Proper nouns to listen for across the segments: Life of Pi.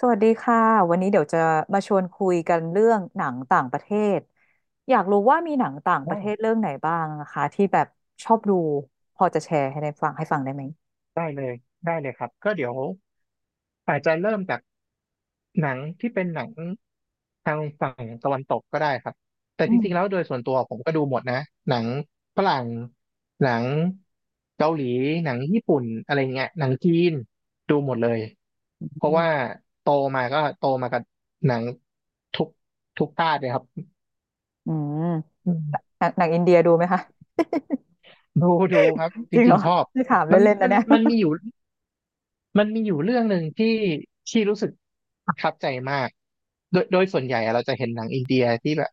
สวัสดีค่ะวันนี้เดี๋ยวจะมาชวนคุยกันเรื่องหนังต่างประเทศอยากรู้ว่ามีหนังต่างปอ๋ระอเทศเรื่องไหนบ้างนะคะที่แบบชอบดูพอจะแชร์ให้ได้ฟังให้ฟังได้ไหมได้เลยได้เลยครับก็เดี๋ยวอาจจะเริ่มจากหนังที่เป็นหนังทางฝั่งตะวันตกก็ได้ครับแต่อืจมริงๆแล้วโดยส่วนตัวผมก็ดูหมดนะหนังฝรั่งหนังเกาหลีหนังญี่ปุ่นอะไรเงี้ยหนังจีนดูหมดเลยอืเพราะว่ามโตมาก็โตมากับหนังทุกทุกชาติเลยครับอืมอืมหนังอินเดียดูไหมคะดูดูครับจจริงเหริรงอๆชอบไม่ถามมันเล่นๆนะมันเนี่ย มัน มีอยู่ มันมีอยู่เรื่องหนึ่งที่ที่รู้สึกประทับใจมากโดยส่วนใหญ่อะเราจะเห็นหนังอินเดียที่แบบ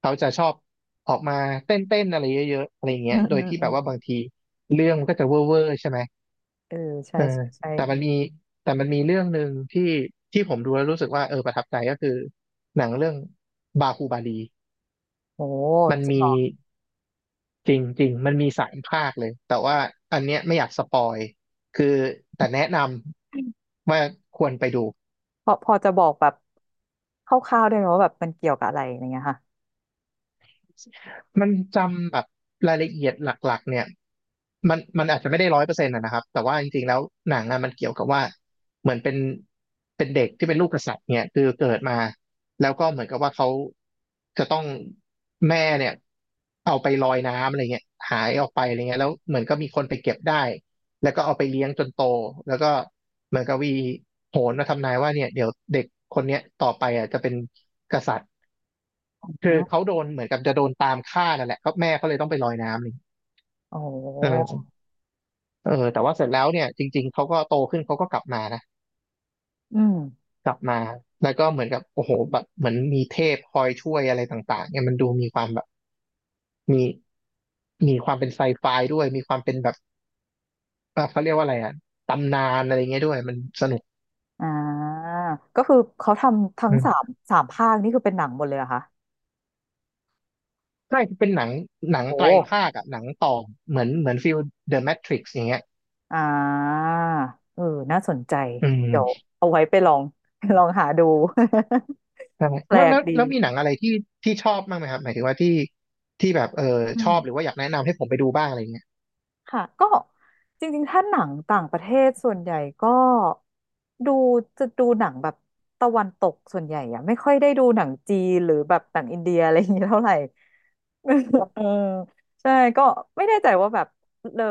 เขาจะชอบออกมาเต้นเต้นอะไรเยอะๆอะไรอืเงี้ยมโดอืยมที่อืแบมบว่าบางทีเรื่องมันก็จะเวอร์เวอร์ใช่ไหมเออใช่เออใช่ใช่แต่มันมีแต่มันมีเรื่องหนึ่งที่ที่ผมดูแล้วรู้สึกว่าเออประทับใจก็คือหนังเรื่องบาฮูบาลีโหมันจริงมีเหรอจริงจริงมันมี3 ภาคเลยแต่ว่าอันเนี้ยไม่อยากสปอยคือแต่แนะนำว่าควรไปดู พอจะบอกแบบคร่าวๆได้ไหมว่าแบบมันเกี่ยวกับอะไรอย่างเงี้ยค่ะมันจำแบบรายละเอียดหลักๆเนี่ยมันอาจจะไม่ได้100%นะครับแต่ว่าจริงๆแล้วหนังอะมันเกี่ยวกับว่าเหมือนเป็นเด็กที่เป็นลูกกษัตริย์เนี่ยคือเกิดมาแล้วก็เหมือนกับว่าเขาจะต้องแม่เนี่ยเอาไปลอยน้ำอะไรเงี้ยหายออกไปอะไรเงี้ยแล้วเหมือนก็มีคนไปเก็บได้แล้วก็เอาไปเลี้ยงจนโตแล้วก็เหมือนกับวีโหนมาทำนายว่าเนี่ยเดี๋ยวเด็กคนเนี้ยต่อไปอ่ะจะเป็นกษัตริย์ อคือืเขามโดนเหมือนกับจะโดนตามฆ่านั่นแหละก็แม่เขาเลยต้องไปลอยน้ำนี่โอ้เอโหอเออแต่ว่าเสร็จแล้วเนี่ยจริงๆเขาก็โตขึ้นเขาก็กลับมานะอืม กลับมาแล้วก็เหมือนกับโอ้โหแบบเหมือนมีเทพคอยช่วยอะไรต่างๆเนี่ยมันดูมีความแบบมีมีความเป็นไซไฟด้วยมีความเป็นแบบเขาเรียกว่าอะไรอะตำนานอะไรเงี้ยด้วยมันสนุกอ่าก็คือเขาทำทั้งอืสามมสามภาคนี่คือเป็นหนังหมดเลยเหรอะคะใช่เป็นหนังโอ้ไตรภาคอะหนังต่อเหมือนฟิลเดอะแมทริกซ์อย่างเงี้ยอ่าเออน่าสนใจอืเดี๋ยวม เอาไว้ไปลอง ลองหาดู ใช่ แปลแล้วกแล้วดีแล้วมีหนังอะไรที่ชอบบ้างไหมครับหมายถึงว่าที่แบบเอออืชอม บหรือว่าอยากแนะนำให้ผมไปดูบ้างอะไรอย่างเงี้ย ค่ะก็จริงๆถ้าหนังต่างประเทศส่วนใหญ่ก็ดูจะดูหนังแบบตะวันตกส่วนใหญ่อะไม่ค่อยได้ดูหนังจีนหรือแบบหนังอินเดียอะไรอย่างเงี้ยเท่าไหร่ เออใช่ก็ไม่แน่ใจว่าแบบเลอ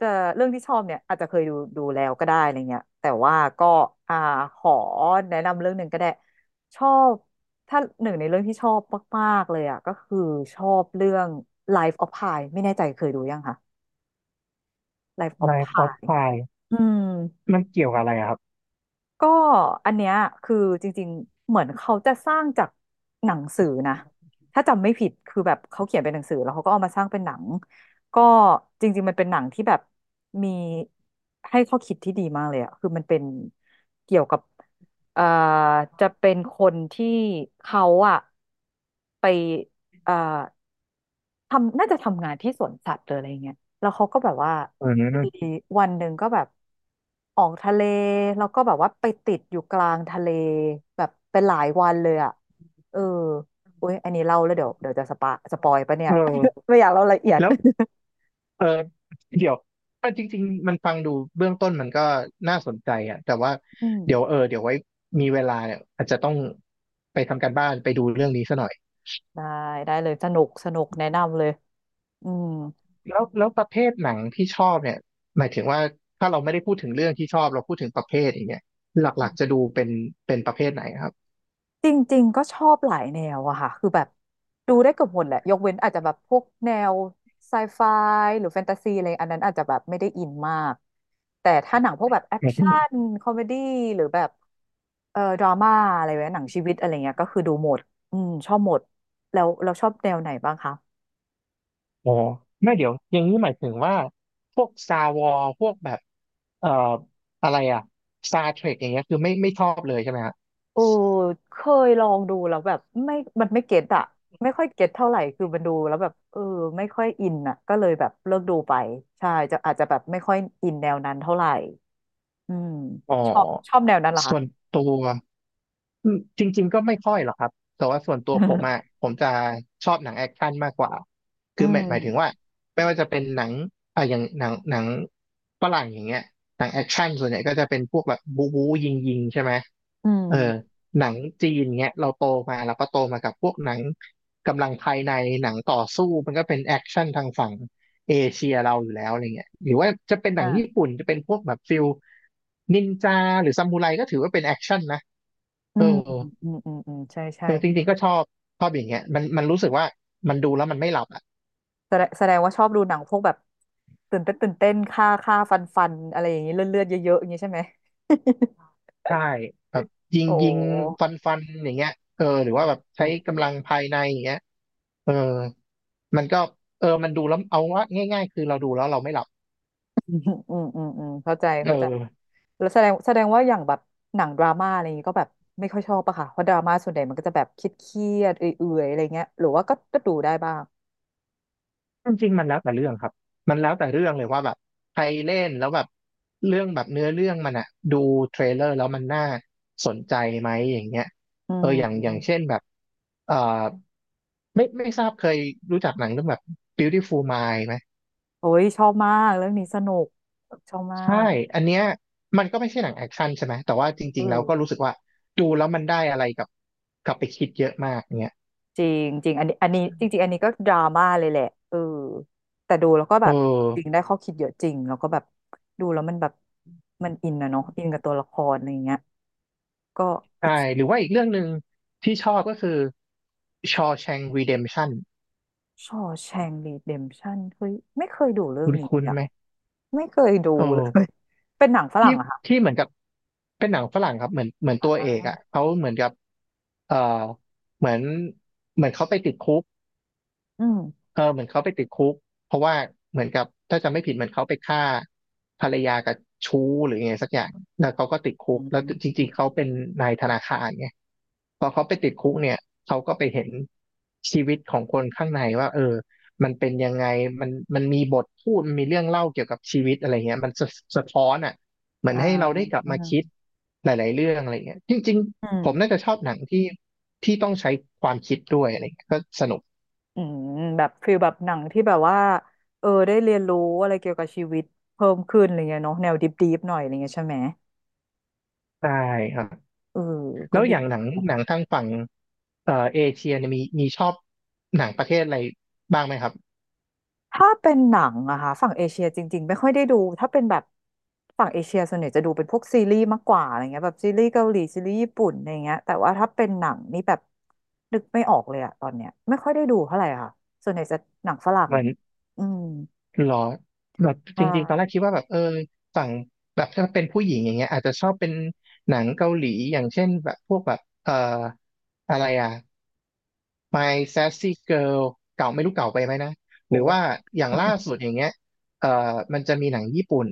จะเรื่องที่ชอบเนี่ยอาจจะเคยดูแล้วก็ได้อะไรเงี้ยแต่ว่าก็อ่าขอแนะนำเรื่องหนึ่งก็ได้ชอบถ้าหนึ่งในเรื่องที่ชอบมากๆเลยอะก็คือชอบเรื่อง Life of Pi ไม่แน่ใจเคยดูยังคะ Life of Life Pi of Pi อืมมันเกี่ยวกับอะไรอะครับก็อันเนี้ยคือจริงๆ เหมือนเขาจะสร้างจากหนังสือนะถ้าจำไม่ผิดคือแบบเขาเขียนเป็นหนังสือแล้วเขาก็เอามาสร้างเป็นหนังก็จริงๆมันเป็นหนังที่แบบมีให้ข้อคิดที่ดีมากเลยอะคือมันเป็นเกี่ยวกับเอ่อจะเป็นคนที่เขาอะไปเอ่อ ทำน่าจะทำงานที่สวนสัตว์หรืออะไรเงี้ยแล้วเขาก็แบบว่าอืมีมวันหนึ่งก็แบบ ออกทะเลแล้วก็แบบว่าไปติดอยู่กลางทะเลแบบเป็นหลายวันเลยอ่ะเอออุ้ยอันนี้เล่าแล้วเดี๋ยวเดี๋ยวจะสปะสปอยปะเนี่ย เออ ไม่อยากเล่ารายละเอียด แล้ว เออเดี๋ยวอ่ะจริงๆมันฟังดูเบื้องต้นมันก็น่าสนใจอ่ะแต่ว่าอืมเดี๋ยวเออเดี๋ยวไว้มีเวลาเนี่ยอาจจะต้องไปทำการบ้านไปดูเรื่องนี้ซะหน่อยได้ได้เลยสนุกสนุกแนะนำเลยอืม แล้วประเภทหนังที่ชอบเนี่ยหมายถึงว่าถ้าเราไม่ได้พูดถึงเรื่องที่ชอบเราพูดถึงประเภทอย่างเงี้ยหลักๆจะดูเป็นประเภทไหนครับ จริงๆ ก็ชอบหลายแนวอะค่ะ คือแบบดูได้เกือบหมดแหละ ยกเว้นอาจจะแบบพวกแนวไซไฟหรือแฟนตาซีอะไรอันนั้นอาจจะแบบไม่ได้อินมาก แต่ถ้าหนังพวกแบบแอหคมายถึงชั่นคอมเมดี้หรือแบบดราม่าอะไรแบบหนังชีวิตอะไรเงี้ยก็คือดูหมด อืมชอบหมด แล้วเราชอบแนวไหนบ้างคะอ๋อไม่เดี๋ยวอย่างนี้หมายถึงว่าพวกซาวอพวกแบบเอ่ออะไรอะซาเทร k อย่างเงี้ยคือไม่ชอบเลยใช่ไหมฮะโอ้เคยลองดูแล้วแบบไม่มันไม่เก็ตอะไม่ค่อยเก็ตเท่าไหร่คือมันดูแล้วแบบเออไม่ค่อยอินอะก็เลยแบบเลิกดูไปใช่จะอาจจะแบบไม่ค่อยอินแนวนั้นเท่าไหร่ อืมอ๋อชอบแนวนั้นเหรอคะ ส่วนตัว อืมจริงๆก็ไม่ค่อยหรอกครับแต่ว่าส่วนตัวผมอะ ผมจะชอบหนังแอคชั่นมากกว่าอืคือหมายถึงว่ามไม่ว่าจะเป็นหนังอ่ะอย่างหนังฝรั่งอย่างเงี้ยหนังแอคชั่นส่วนใหญ่ก็จะเป็นพวกแบบบู๊บู๊ยิงยิงใช่ไหมอืเออมหนังจีนเงี้ยเราโตมาเราก็โตมากับพวกหนังกำลังภายในหนังต่อสู้มันก็เป็นแอคชั่นทางฝั่งเอเชียเราอยู่แล้วอะไรเงี้ยหรือว่าจะเป็นหนัอ่างญี่ปุ่นจะเป็นพวกแบบฟิลนินจาหรือซามูไรก็ถือว่าเป็นแอคชั่นนะอืเออ มอืมอืมอืมใช่ใช่เออจริงๆก็ชอบอย่างเงี้ยมันรู้สึกว่ามันดูแล้วมันไม่หลับอ่ะแสดงว่าชอบดูหนังพวกแบบตื่นเต้นตื่นเต้นฆ่าฆ่าฟันฟันอะไรอย่างนี้เลือดเลือดเยอะๆอย่างนี้ใช่ไหม ใช่แบบยิงโอ้โยิงฟันฟันอย่างเงี้ยเออหรือว่าแบบใช้หกำลังภายในอย่างเงี้ยเออมันก็เออมันดูแล้วเอาว่าง่ายๆคือเราดูแล้วเราไม่หลับอืมอืมอืมอืมเข้าใจเออเข้าใจแล้วแสดงว่าอย่างแบบหนังดราม่าอะไรอย่างนี้ก็แบบไม่ค่อยชอบปะค่ะเพราะดราม่าส่วนใหญ่มันก็จะแบบเครียดๆเอื่อยๆอะไรเงี้ยหรือว่าก็ดูได้บ้างจริงๆมันแล้วแต่เรื่องครับมันแล้วแต่เรื่องเลยว่าแบบใครเล่นแล้วแบบเรื่องแบบเนื้อเรื่องมันอะดูเทรลเลอร์แล้วมันน่าสนใจไหมอย่างเงี้ยอืเอออย่างเช่ม นแบบเอ่อ ไม่ทราบเคยรู้จักหนังเรื่องแบบ Beautiful Mind ไหมโอ้ยชอบมากเรื่องนี้สนุกชอบมาใช่กอันเนี้ยมันก็ไม่ใช่หนังแอคชั่นใช่ไหมแต่ว่าจเอริงๆเราก็อรู้สึกว่าดูแล้วมันได้อะไรกับกลับไปคิดเยอะมากเนี้ยจริงจริงอันนี้จริงๆอันนี้ก็ดราม่าเลยแหละเออแต่ดูแล้วก็เอแบบจริงอได้ข้อคิดเยอะจริงแล้วก็แบบดูแล้วมันแบบมันอินนะเนาะอินกับตัวละครอะไรอย่างเงี้ยก็ใช่อีกหรือว่าอีกเรื่องหนึ่งที่ชอบก็คือ Shawshank Redemption ชอแชงรีเดมชั่นเฮ้ยไม่เคยดูเรื่องคุ้นนี้เลคุ้ยนอะไหมไม่เคยดูเอเลย อ เป็นหนังฝที่รั่งอะค่ะที่เหมือนกับเป็นหนังฝรั่งครับเหมือนตัวเอกอ่ะเขาเหมือนกับเออเหมือนเขาไปติดคุก อืมเออเหมือนเขาไปติดคุกเพราะว่าเหมือนกับถ้าจำไม่ผิดเหมือนเขาไปฆ่าภรรยากับชู้หรือไงสักอย่างแล้วเขาก็ติดคุอืกแล้วจมริงๆเขาเป็นนายธนาคารไงพอเขาไปติดคุกเนี่ยเขาก็ไปเห็นชีวิตของคนข้างในว่าเออมันเป็นยังไงมันมันมีบทพูดมันมีเรื่องเล่าเกี่ยวกับชีวิตอะไรเงี้ยมันสะท้อนอ่ะเหมือนอ่าให้เราได้กลับอืมามคิดหลายๆเรื่องอะไรเงี้ยจริงอืๆผมน่าม จะชอบหนังที่ต้องใช้ความคิดด้วยอะไรเงี้ยก็สนุกอืมแบบฟีลแบบหนังที่แบบว่าเออได้เรียนรู้อะไรเกี่ยวกับชีวิตเพิ่มขึ้นอะไรเงี้ยเนาะแนวดิบๆหน่อยอะไรเงี้ยใช่ไหมใช่ครับ เออก็แล้วดีอย่างหนังทางฝั่งเอเชียเนี่ยมีชอบหนังประเทศอะไรบ้างไหมครับถ้าเป็นหนังอะค่ะฝั่งเอเชียจริงๆไม่ค่อยได้ดูถ้าเป็นแบบฝั่งเอเชียส่วนใหญ่จะดูเป็นพวกซีรีส์มากกว่าอะไรเงี้ยแบบซีรีส์เกาหลีซีรีส์ญี่ปุ่นอะไรเงี้ยแต่ว่าถ้าเป็นหนังนี่แบบนึกไม่ออกเลยอะตอนเนี้ยไม่ค่อยได้ดูเท่าไหร่ค่ะส่วนใหญ่จะหนังฝรั่งเหมือนอืมหรอแบบใชจริงๆตอนแร่กคิดว่าแบบเออฝั่งแบบถ้าเป็นผู้หญิงอย่างเงี้ยอาจจะชอบเป็นหนังเกาหลีอย่างเช่นแบบพวกแบบอะไรอ่ะ My Sassy Girl เก่าไม่รู้เก่าไปไหมนะหรือว่าโห อย่างล่า สุดอย่างเงี้ยเอ่อมันจะมีหนังญี่ปุ่น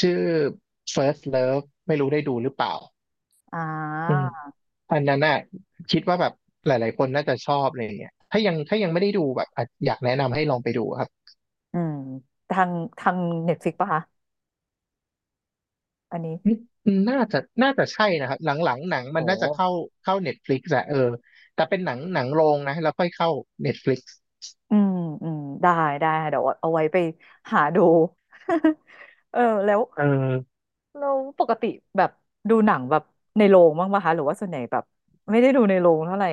ชื่อ First Love ไม่รู้ได้ดูหรือเปล่า อ่อืมาอันนั้นน่ะคิดว่าแบบหลายๆ คนน่าจะชอบอะไรอย่างเงี้ยถ้ายังไม่ได้ดูแบบอ่ะอยากแนะนำให้ลองไปดูครับอืมทางทางเน็ตฟลิกปะคะ อันนี้อืมน่าจะใช่นะครับหลังๆหนังมัโอ้นน่าจะเข้าเน็ตฟลิกซ์อะเออแต่เป็นหนังโรงนะแล้วค่อยเข้าเน็ตฟลิกซ์อืมอืมได้ได้ค่ะเดี๋ยวเอาไว้ไปหาดู เออแล้วเออเราปกติแบบดูหนังแบบในโรงบ้างปะคะหรือว่าส่วนใหญ่แบบไม่ได้ดูในโรงเท่าไหร่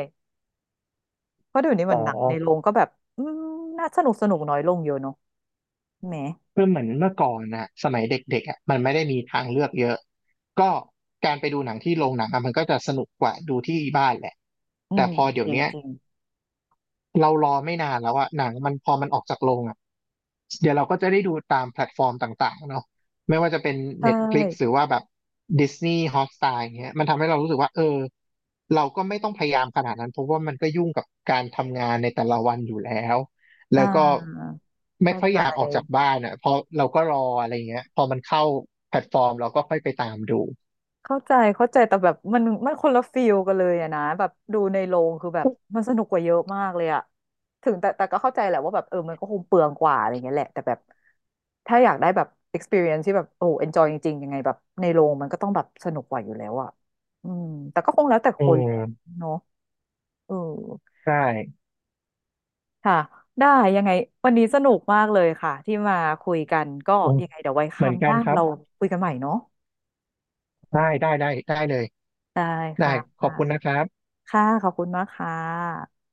เพราะเดี๋ยวนี้เหอ๋มัอนหนังในโรงก็แบบอืมน่าสนุกสนุกน้อยลงเยอะเนาะแหมคือเหมือนเมื่อก่อนนะสมัยเด็กๆอะมันไม่ได้มีทางเลือกเยอะก็การไปดูหนังที่โรงหนังอะมันก็จะสนุกกว่าดูที่บ้านแหละอืแต่มพอเดี๋จยวริงเนี้ย จริงเรารอไม่นานแล้วอะหนังมันพอมันออกจากโรงอะเดี๋ยวเราก็จะได้ดูตามแพลตฟอร์มต่างๆเนาะไม่ว่าจะเป็น ใช Netflix หรือ่ว่าแบบ Disney Hotstar อย่างเงี้ยมันทำให้เรารู้สึกว่าเออเราก็ไม่ต้องพยายามขนาดนั้นเพราะว่ามันก็ยุ่งกับการทำงานในแต่ละวันอยู่แล้วแล้วอ่าก็ไม่เข้าค่อยใจ อยากออกจากบ้านอะเพอเราก็รออะไรเงี้ยพอมันเข้าแพลตฟอร์มเราก็ค่อยไปตามดูเข้าใจเข้าใจแต่แบบมันคนละฟีลกันเลยอะนะแบบดูในโรงคือแบบมันสนุกกว่าเยอะมากเลยอะถึงแต่ก็เข้าใจแหละว่าแบบเออมันก็คงเปลืองกว่าอะไรเงี้ยแหละแต่แบบถ้าอยากได้แบบ experience ที่แบบโอ้ enjoy จริงๆยังไงแบบในโรงมันก็ต้องแบบสนุกกว่าอยู่แล้วอะอืมแต่ก็คงแล้วแต่เอคนแหละอเนาะเออใช่ค่ะได้ยังไงวันนี้สนุกมากเลยค่ะที่มาคุยกันก็อืมยังไงเดี๋ยวไว้คเหมืรั้อนงหกันน้าครับเราคุยกันใหม่เนาะได้ได้เลยได้ได้ค่ขอบคุณนะะครับค่ะขอบคุณมากค่ะ